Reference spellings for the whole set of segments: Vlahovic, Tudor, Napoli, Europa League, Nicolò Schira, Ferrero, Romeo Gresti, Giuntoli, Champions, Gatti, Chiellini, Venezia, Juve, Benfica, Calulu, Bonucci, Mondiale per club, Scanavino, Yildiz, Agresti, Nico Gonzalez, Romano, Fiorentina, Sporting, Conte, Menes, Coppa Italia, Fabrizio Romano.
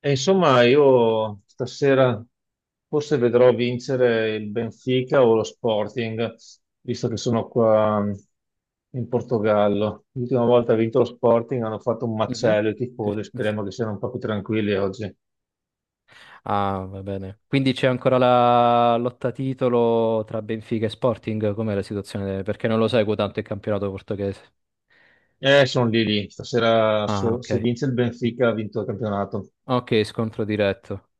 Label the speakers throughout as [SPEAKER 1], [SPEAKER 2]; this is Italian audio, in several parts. [SPEAKER 1] E insomma, io stasera forse vedrò vincere il Benfica o lo Sporting, visto che sono qua in Portogallo. L'ultima volta ha vinto lo Sporting, hanno fatto un
[SPEAKER 2] Mhm.
[SPEAKER 1] macello i
[SPEAKER 2] Sì,
[SPEAKER 1] tifosi,
[SPEAKER 2] sì.
[SPEAKER 1] speriamo che siano un po' più tranquilli oggi.
[SPEAKER 2] Ah, va bene. Quindi c'è ancora la lotta titolo tra Benfica e Sporting? Com'è la situazione? Perché non lo seguo tanto il campionato portoghese.
[SPEAKER 1] Sono lì lì. Stasera
[SPEAKER 2] Ah,
[SPEAKER 1] se,
[SPEAKER 2] ok.
[SPEAKER 1] se vince il Benfica ha vinto il campionato.
[SPEAKER 2] Ok, scontro diretto.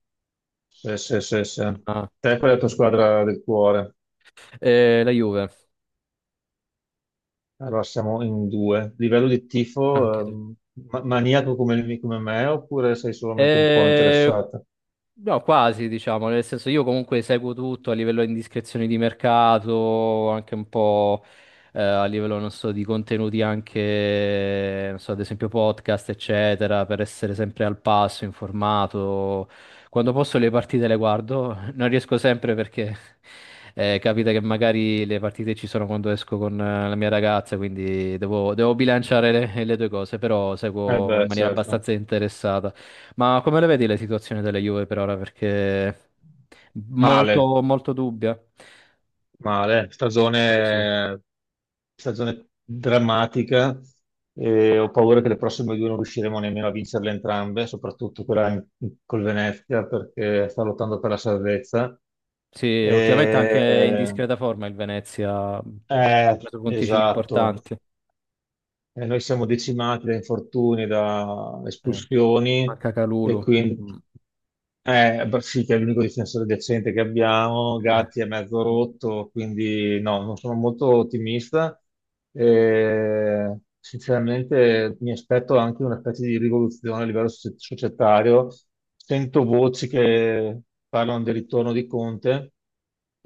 [SPEAKER 1] Sì, sì, sì, sì.
[SPEAKER 2] Ah.
[SPEAKER 1] Te qual è la tua squadra del cuore?
[SPEAKER 2] La Juve,
[SPEAKER 1] Allora siamo in due. Livello di tifo,
[SPEAKER 2] anche tu.
[SPEAKER 1] maniaco come me oppure sei solamente un po'
[SPEAKER 2] Eh,
[SPEAKER 1] interessata?
[SPEAKER 2] No, quasi, diciamo, nel senso io comunque seguo tutto a livello di indiscrezioni di mercato, anche un po' a livello, non so, di contenuti anche, non so, ad esempio podcast, eccetera, per essere sempre al passo, informato. Quando posso le partite le guardo, non riesco sempre perché capita che magari le partite ci sono quando esco con la mia ragazza, quindi devo bilanciare le due cose, però
[SPEAKER 1] Eh
[SPEAKER 2] seguo in
[SPEAKER 1] beh,
[SPEAKER 2] maniera
[SPEAKER 1] certo.
[SPEAKER 2] abbastanza interessata. Ma come le vedi le situazioni della Juve per ora? Perché
[SPEAKER 1] Male,
[SPEAKER 2] molto dubbia.
[SPEAKER 1] male.
[SPEAKER 2] Quello sì.
[SPEAKER 1] Stagione drammatica e ho paura che le prossime due non riusciremo nemmeno a vincerle entrambe, soprattutto quella col Venezia perché sta lottando per la salvezza.
[SPEAKER 2] Sì, ultimamente anche in
[SPEAKER 1] Eh,
[SPEAKER 2] discreta forma il Venezia ha
[SPEAKER 1] eh,
[SPEAKER 2] preso punticini
[SPEAKER 1] esatto.
[SPEAKER 2] importanti.
[SPEAKER 1] Noi siamo decimati da infortuni, da
[SPEAKER 2] Eh,
[SPEAKER 1] espulsioni
[SPEAKER 2] manca
[SPEAKER 1] e
[SPEAKER 2] Calulu.
[SPEAKER 1] quindi
[SPEAKER 2] Mm.
[SPEAKER 1] beh, sì, che è l'unico difensore decente che abbiamo.
[SPEAKER 2] Eh,
[SPEAKER 1] Gatti è mezzo rotto, quindi no, non sono molto ottimista. Sinceramente, mi aspetto anche una specie di rivoluzione a livello societario. Sento voci che parlano del ritorno di Conte.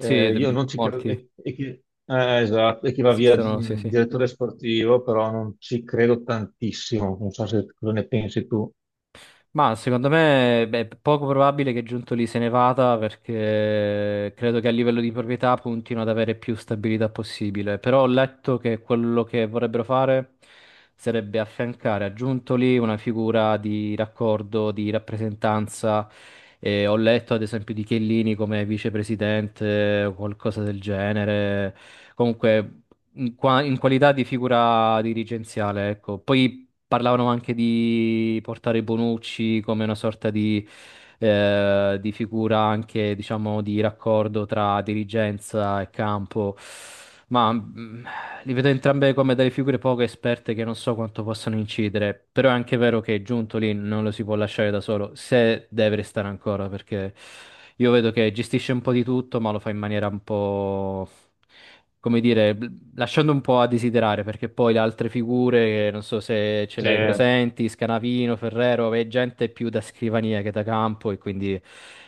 [SPEAKER 2] sì, de-
[SPEAKER 1] io non ci credo.
[SPEAKER 2] Molti
[SPEAKER 1] E chi, esatto, e chi va via
[SPEAKER 2] esistono, sì, sì.
[SPEAKER 1] direttore sportivo, però non ci credo tantissimo. Non so se cosa ne pensi tu.
[SPEAKER 2] Ma secondo me beh, è poco probabile che Giuntoli se ne vada perché credo che a livello di proprietà puntino ad avere più stabilità possibile. Però ho letto che quello che vorrebbero fare sarebbe affiancare a Giuntoli una figura di raccordo, di rappresentanza. E ho letto ad esempio di Chiellini come vicepresidente o qualcosa del genere. Comunque in qualità di figura dirigenziale, ecco. Poi parlavano anche di portare Bonucci come una sorta di figura anche, diciamo, di raccordo tra dirigenza e campo. Ma li vedo entrambe come delle figure poco esperte che non so quanto possano incidere. Però è anche vero che Giuntoli non lo si può lasciare da solo, se deve restare ancora, perché io vedo che gestisce un po' di tutto, ma lo fa in maniera un po' come dire, bl- lasciando un po' a desiderare, perché poi le altre figure, non so se ce
[SPEAKER 1] Sì.
[SPEAKER 2] le hai presenti, Scanavino, Ferrero, è gente più da scrivania che da campo e quindi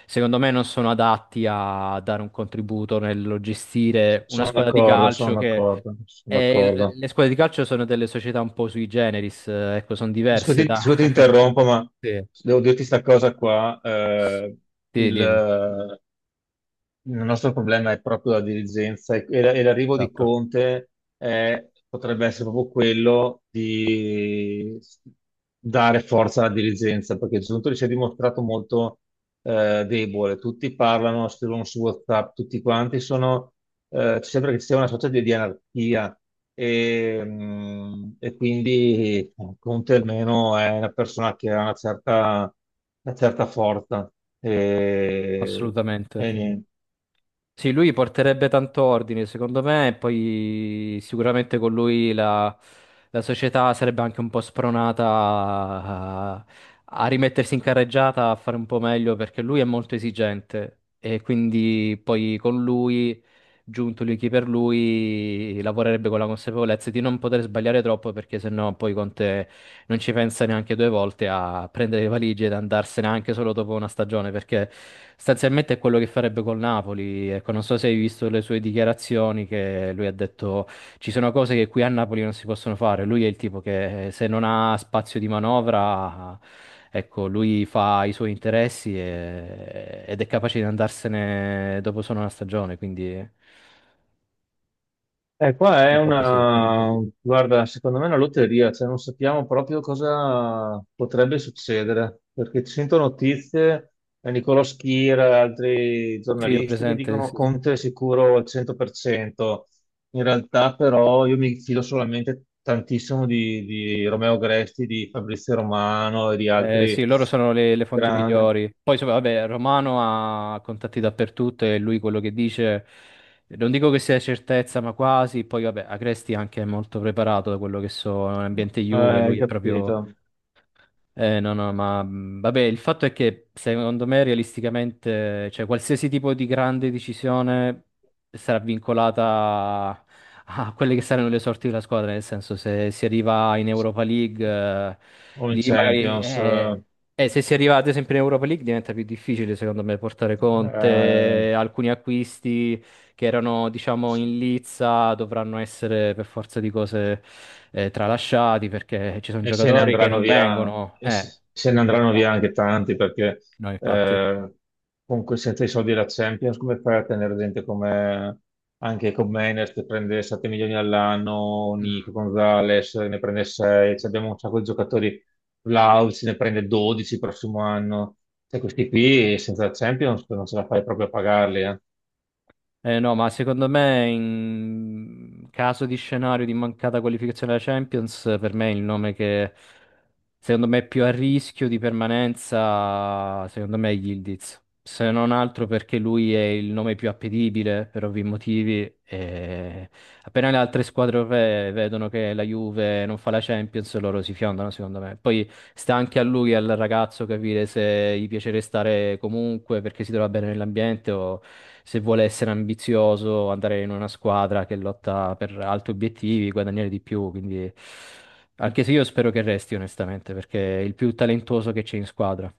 [SPEAKER 2] secondo me non sono adatti a dare un contributo nel gestire una
[SPEAKER 1] Sono
[SPEAKER 2] squadra di
[SPEAKER 1] d'accordo, sono
[SPEAKER 2] calcio che...
[SPEAKER 1] d'accordo, sono
[SPEAKER 2] e
[SPEAKER 1] d'accordo.
[SPEAKER 2] le squadre di calcio sono delle società un po' sui generis, ecco, sono diverse
[SPEAKER 1] Scusi,
[SPEAKER 2] da...
[SPEAKER 1] scusi, ti interrompo, ma
[SPEAKER 2] Sì.
[SPEAKER 1] devo dirti questa cosa qua.
[SPEAKER 2] Sì, dimmi,
[SPEAKER 1] Il, Il nostro problema è proprio la dirigenza e e l'arrivo di
[SPEAKER 2] esatto,
[SPEAKER 1] Conte potrebbe essere proprio quello di dare forza alla dirigenza, perché Giuntoli si è dimostrato molto debole. Tutti parlano, scrivono su WhatsApp, tutti quanti sono, sembra che ci sia una sorta di anarchia e quindi Conte almeno è una persona che ha una certa forza. E,
[SPEAKER 2] assolutamente.
[SPEAKER 1] e niente.
[SPEAKER 2] Sì, lui porterebbe tanto ordine, secondo me, e poi sicuramente con lui la, la società sarebbe anche un po' spronata a, a rimettersi in carreggiata, a fare un po' meglio, perché lui è molto esigente e quindi poi con lui, giunto lui chi per lui, lavorerebbe con la consapevolezza di non poter sbagliare troppo, perché sennò poi Conte non ci pensa neanche due volte a prendere le valigie ed andarsene anche solo dopo una stagione, perché sostanzialmente è quello che farebbe col Napoli. Ecco, non so se hai visto le sue dichiarazioni che lui ha detto ci sono cose che qui a Napoli non si possono fare. Lui è il tipo che se non ha spazio di manovra, ecco, lui fa i suoi interessi ed è capace di andarsene dopo solo una stagione, quindi è
[SPEAKER 1] Eh, qua è
[SPEAKER 2] un po' così.
[SPEAKER 1] una, guarda, secondo me è una lotteria, cioè non sappiamo proprio cosa potrebbe succedere, perché ci sento notizie, Nicolò Schira e altri
[SPEAKER 2] Sì, ho
[SPEAKER 1] giornalisti che
[SPEAKER 2] presente,
[SPEAKER 1] dicono
[SPEAKER 2] sì, sì.
[SPEAKER 1] Conte è sicuro al 100%, in realtà però io mi fido solamente tantissimo di Romeo Gresti, di Fabrizio Romano e di
[SPEAKER 2] Sì,
[SPEAKER 1] altri
[SPEAKER 2] loro sono le fonti
[SPEAKER 1] grandi,
[SPEAKER 2] migliori. Poi, vabbè, Romano ha contatti dappertutto e lui quello che dice, non dico che sia certezza, ma quasi. Poi, vabbè, Agresti anche è molto preparato da quello che so, è un ambiente Juve,
[SPEAKER 1] hai
[SPEAKER 2] lui è
[SPEAKER 1] capito?
[SPEAKER 2] proprio no, no, ma vabbè, il fatto è che secondo me realisticamente, cioè qualsiasi tipo di grande decisione sarà vincolata a, a quelle che saranno le sorti della squadra, nel senso se si arriva in Europa League,
[SPEAKER 1] O in
[SPEAKER 2] lì magari...
[SPEAKER 1] Champions.
[SPEAKER 2] se si arriva ad esempio in Europa League diventa più difficile secondo me portare
[SPEAKER 1] eh,
[SPEAKER 2] Conte, alcuni acquisti che erano, diciamo,
[SPEAKER 1] E
[SPEAKER 2] in lizza, dovranno essere per forza di cose tralasciati perché ci sono
[SPEAKER 1] se ne
[SPEAKER 2] giocatori che
[SPEAKER 1] andranno
[SPEAKER 2] non
[SPEAKER 1] via,
[SPEAKER 2] vengono.
[SPEAKER 1] e se se ne andranno via
[SPEAKER 2] Esatto.
[SPEAKER 1] anche tanti perché
[SPEAKER 2] No, infatti.
[SPEAKER 1] eh, con senza i soldi della Champions, come fai a tenere gente come anche Menes che prende 7 milioni all'anno, Nico
[SPEAKER 2] Mm.
[SPEAKER 1] Gonzalez ne prende 6, cioè abbiamo un sacco di giocatori, Vlahovic ne prende 12 il prossimo anno, cioè questi qui senza la Champions non ce la fai proprio a pagarli.
[SPEAKER 2] No, ma secondo me in caso di scenario di mancata qualificazione alla Champions, per me il nome che secondo me è più a rischio di permanenza, secondo me è Yildiz. Se non altro perché lui è il nome più appetibile per ovvi motivi. E appena le altre squadre europee vedono che la Juve non fa la Champions, loro si fiondano, secondo me. Poi sta anche a lui, al ragazzo, capire se gli piace restare comunque perché si trova bene nell'ambiente o se vuole essere ambizioso, andare in una squadra che lotta per altri obiettivi, guadagnare di più. Quindi. Anche se io spero che resti, onestamente, perché è il più talentuoso che c'è in squadra.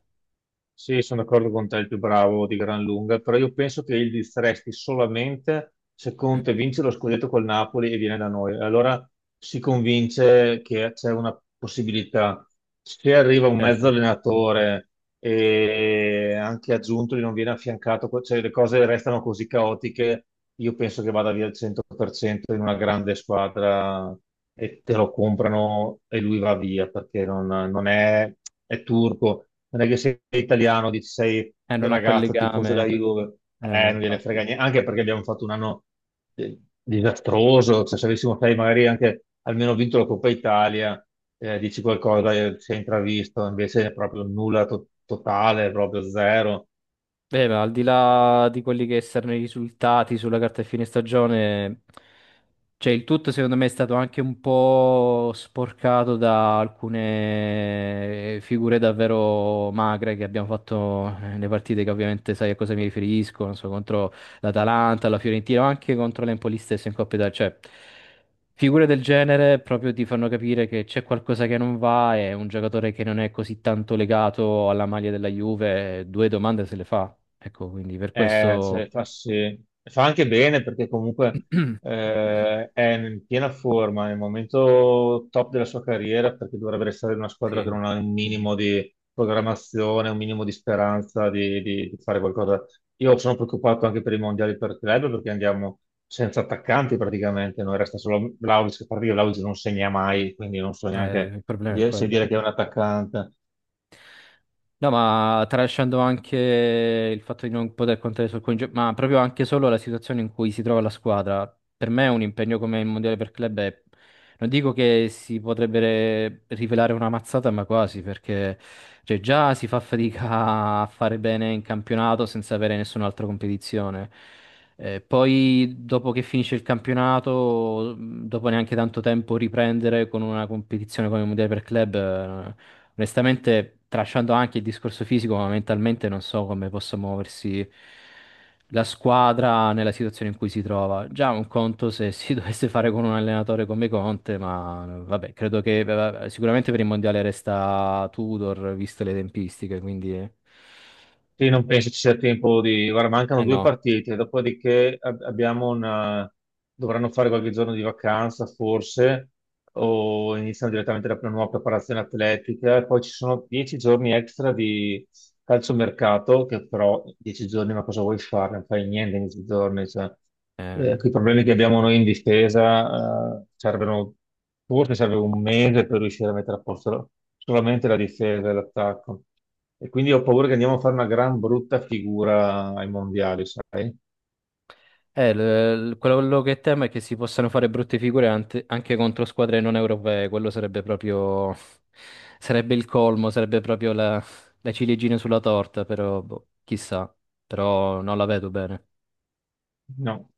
[SPEAKER 1] Sì, sono d'accordo con te, il più bravo di gran lunga, però io penso che il distresti solamente se Conte vince lo scudetto col Napoli e viene da noi. Allora si convince che c'è una possibilità. Se arriva un mezzo
[SPEAKER 2] Certo.
[SPEAKER 1] allenatore e anche aggiunto non viene affiancato, cioè le cose restano così caotiche, io penso che vada via al 100% in una grande squadra e te lo comprano e lui va via perché non, non è, è turco, non è che sei italiano, dici sei il
[SPEAKER 2] Non ha quel
[SPEAKER 1] ragazzo tifoso
[SPEAKER 2] legame.
[SPEAKER 1] della Juve,
[SPEAKER 2] No,
[SPEAKER 1] non gliene
[SPEAKER 2] infatti.
[SPEAKER 1] frega niente, anche perché abbiamo fatto un anno disastroso, cioè se avessimo sai, magari anche almeno vinto la Coppa Italia, dici qualcosa, si è intravisto, invece è proprio nulla totale, proprio zero.
[SPEAKER 2] Beh, ma al di là di quelli che saranno i risultati sulla carta di fine stagione, cioè il tutto secondo me è stato anche un po' sporcato da alcune figure davvero magre che abbiamo fatto nelle partite che ovviamente sai a cosa mi riferisco, non so, contro l'Atalanta, la Fiorentina, ma anche contro l'Empoli stesso in Coppa Italia, cioè figure del genere proprio ti fanno capire che c'è qualcosa che non va e un giocatore che non è così tanto legato alla maglia della Juve, due domande se le fa. Ecco, quindi per
[SPEAKER 1] Cioè,
[SPEAKER 2] questo
[SPEAKER 1] fa, sì. Fa anche bene perché comunque è in piena forma, è il momento top della sua carriera perché dovrebbe restare in una squadra che
[SPEAKER 2] sì,
[SPEAKER 1] non ha un minimo di programmazione, un minimo di speranza di fare qualcosa. Io sono preoccupato anche per i mondiali per club perché andiamo senza attaccanti praticamente, noi resta solo Vlahovic, che a parte che Vlahovic non segna mai, quindi non so neanche
[SPEAKER 2] il problema è
[SPEAKER 1] se
[SPEAKER 2] quello.
[SPEAKER 1] dire che è un attaccante.
[SPEAKER 2] No, ma tralasciando anche il fatto di non poter contare sul ma proprio anche solo la situazione in cui si trova la squadra. Per me un impegno come il Mondiale per club è... Non dico che si potrebbe rivelare una mazzata, ma quasi, perché cioè, già si fa fatica a fare bene in campionato senza avere nessun'altra competizione. Poi, dopo che finisce il campionato, dopo neanche tanto tempo, riprendere con una competizione come il Mondiale per club, onestamente, tralasciando anche il discorso fisico, ma mentalmente non so come possa muoversi la squadra nella situazione in cui si trova. Già un conto se si dovesse fare con un allenatore come Conte, ma vabbè, credo che vabbè, sicuramente per il Mondiale resta Tudor, viste le tempistiche, quindi... Eh,
[SPEAKER 1] Sì, non penso ci sia tempo di. Guarda, mancano
[SPEAKER 2] eh
[SPEAKER 1] due
[SPEAKER 2] no.
[SPEAKER 1] partite, dopodiché abbiamo una. Dovranno fare qualche giorno di vacanza, forse, o iniziano direttamente la nuova preparazione atletica, e poi ci sono 10 giorni extra calciomercato, che però 10 giorni, ma cosa vuoi fare? Non fai niente in 10 giorni. Cioè,
[SPEAKER 2] Eh,
[SPEAKER 1] con i problemi che abbiamo noi in difesa, forse serve un mese per riuscire a mettere a posto solamente la difesa e l'attacco. E quindi ho paura che andiamo a fare una gran brutta figura ai mondiali, sai?
[SPEAKER 2] Quello che temo è che si possano fare brutte figure anche contro squadre non europee, quello sarebbe proprio, sarebbe il colmo, sarebbe proprio la, la ciliegina sulla torta, però boh, chissà, però non la vedo bene.
[SPEAKER 1] No.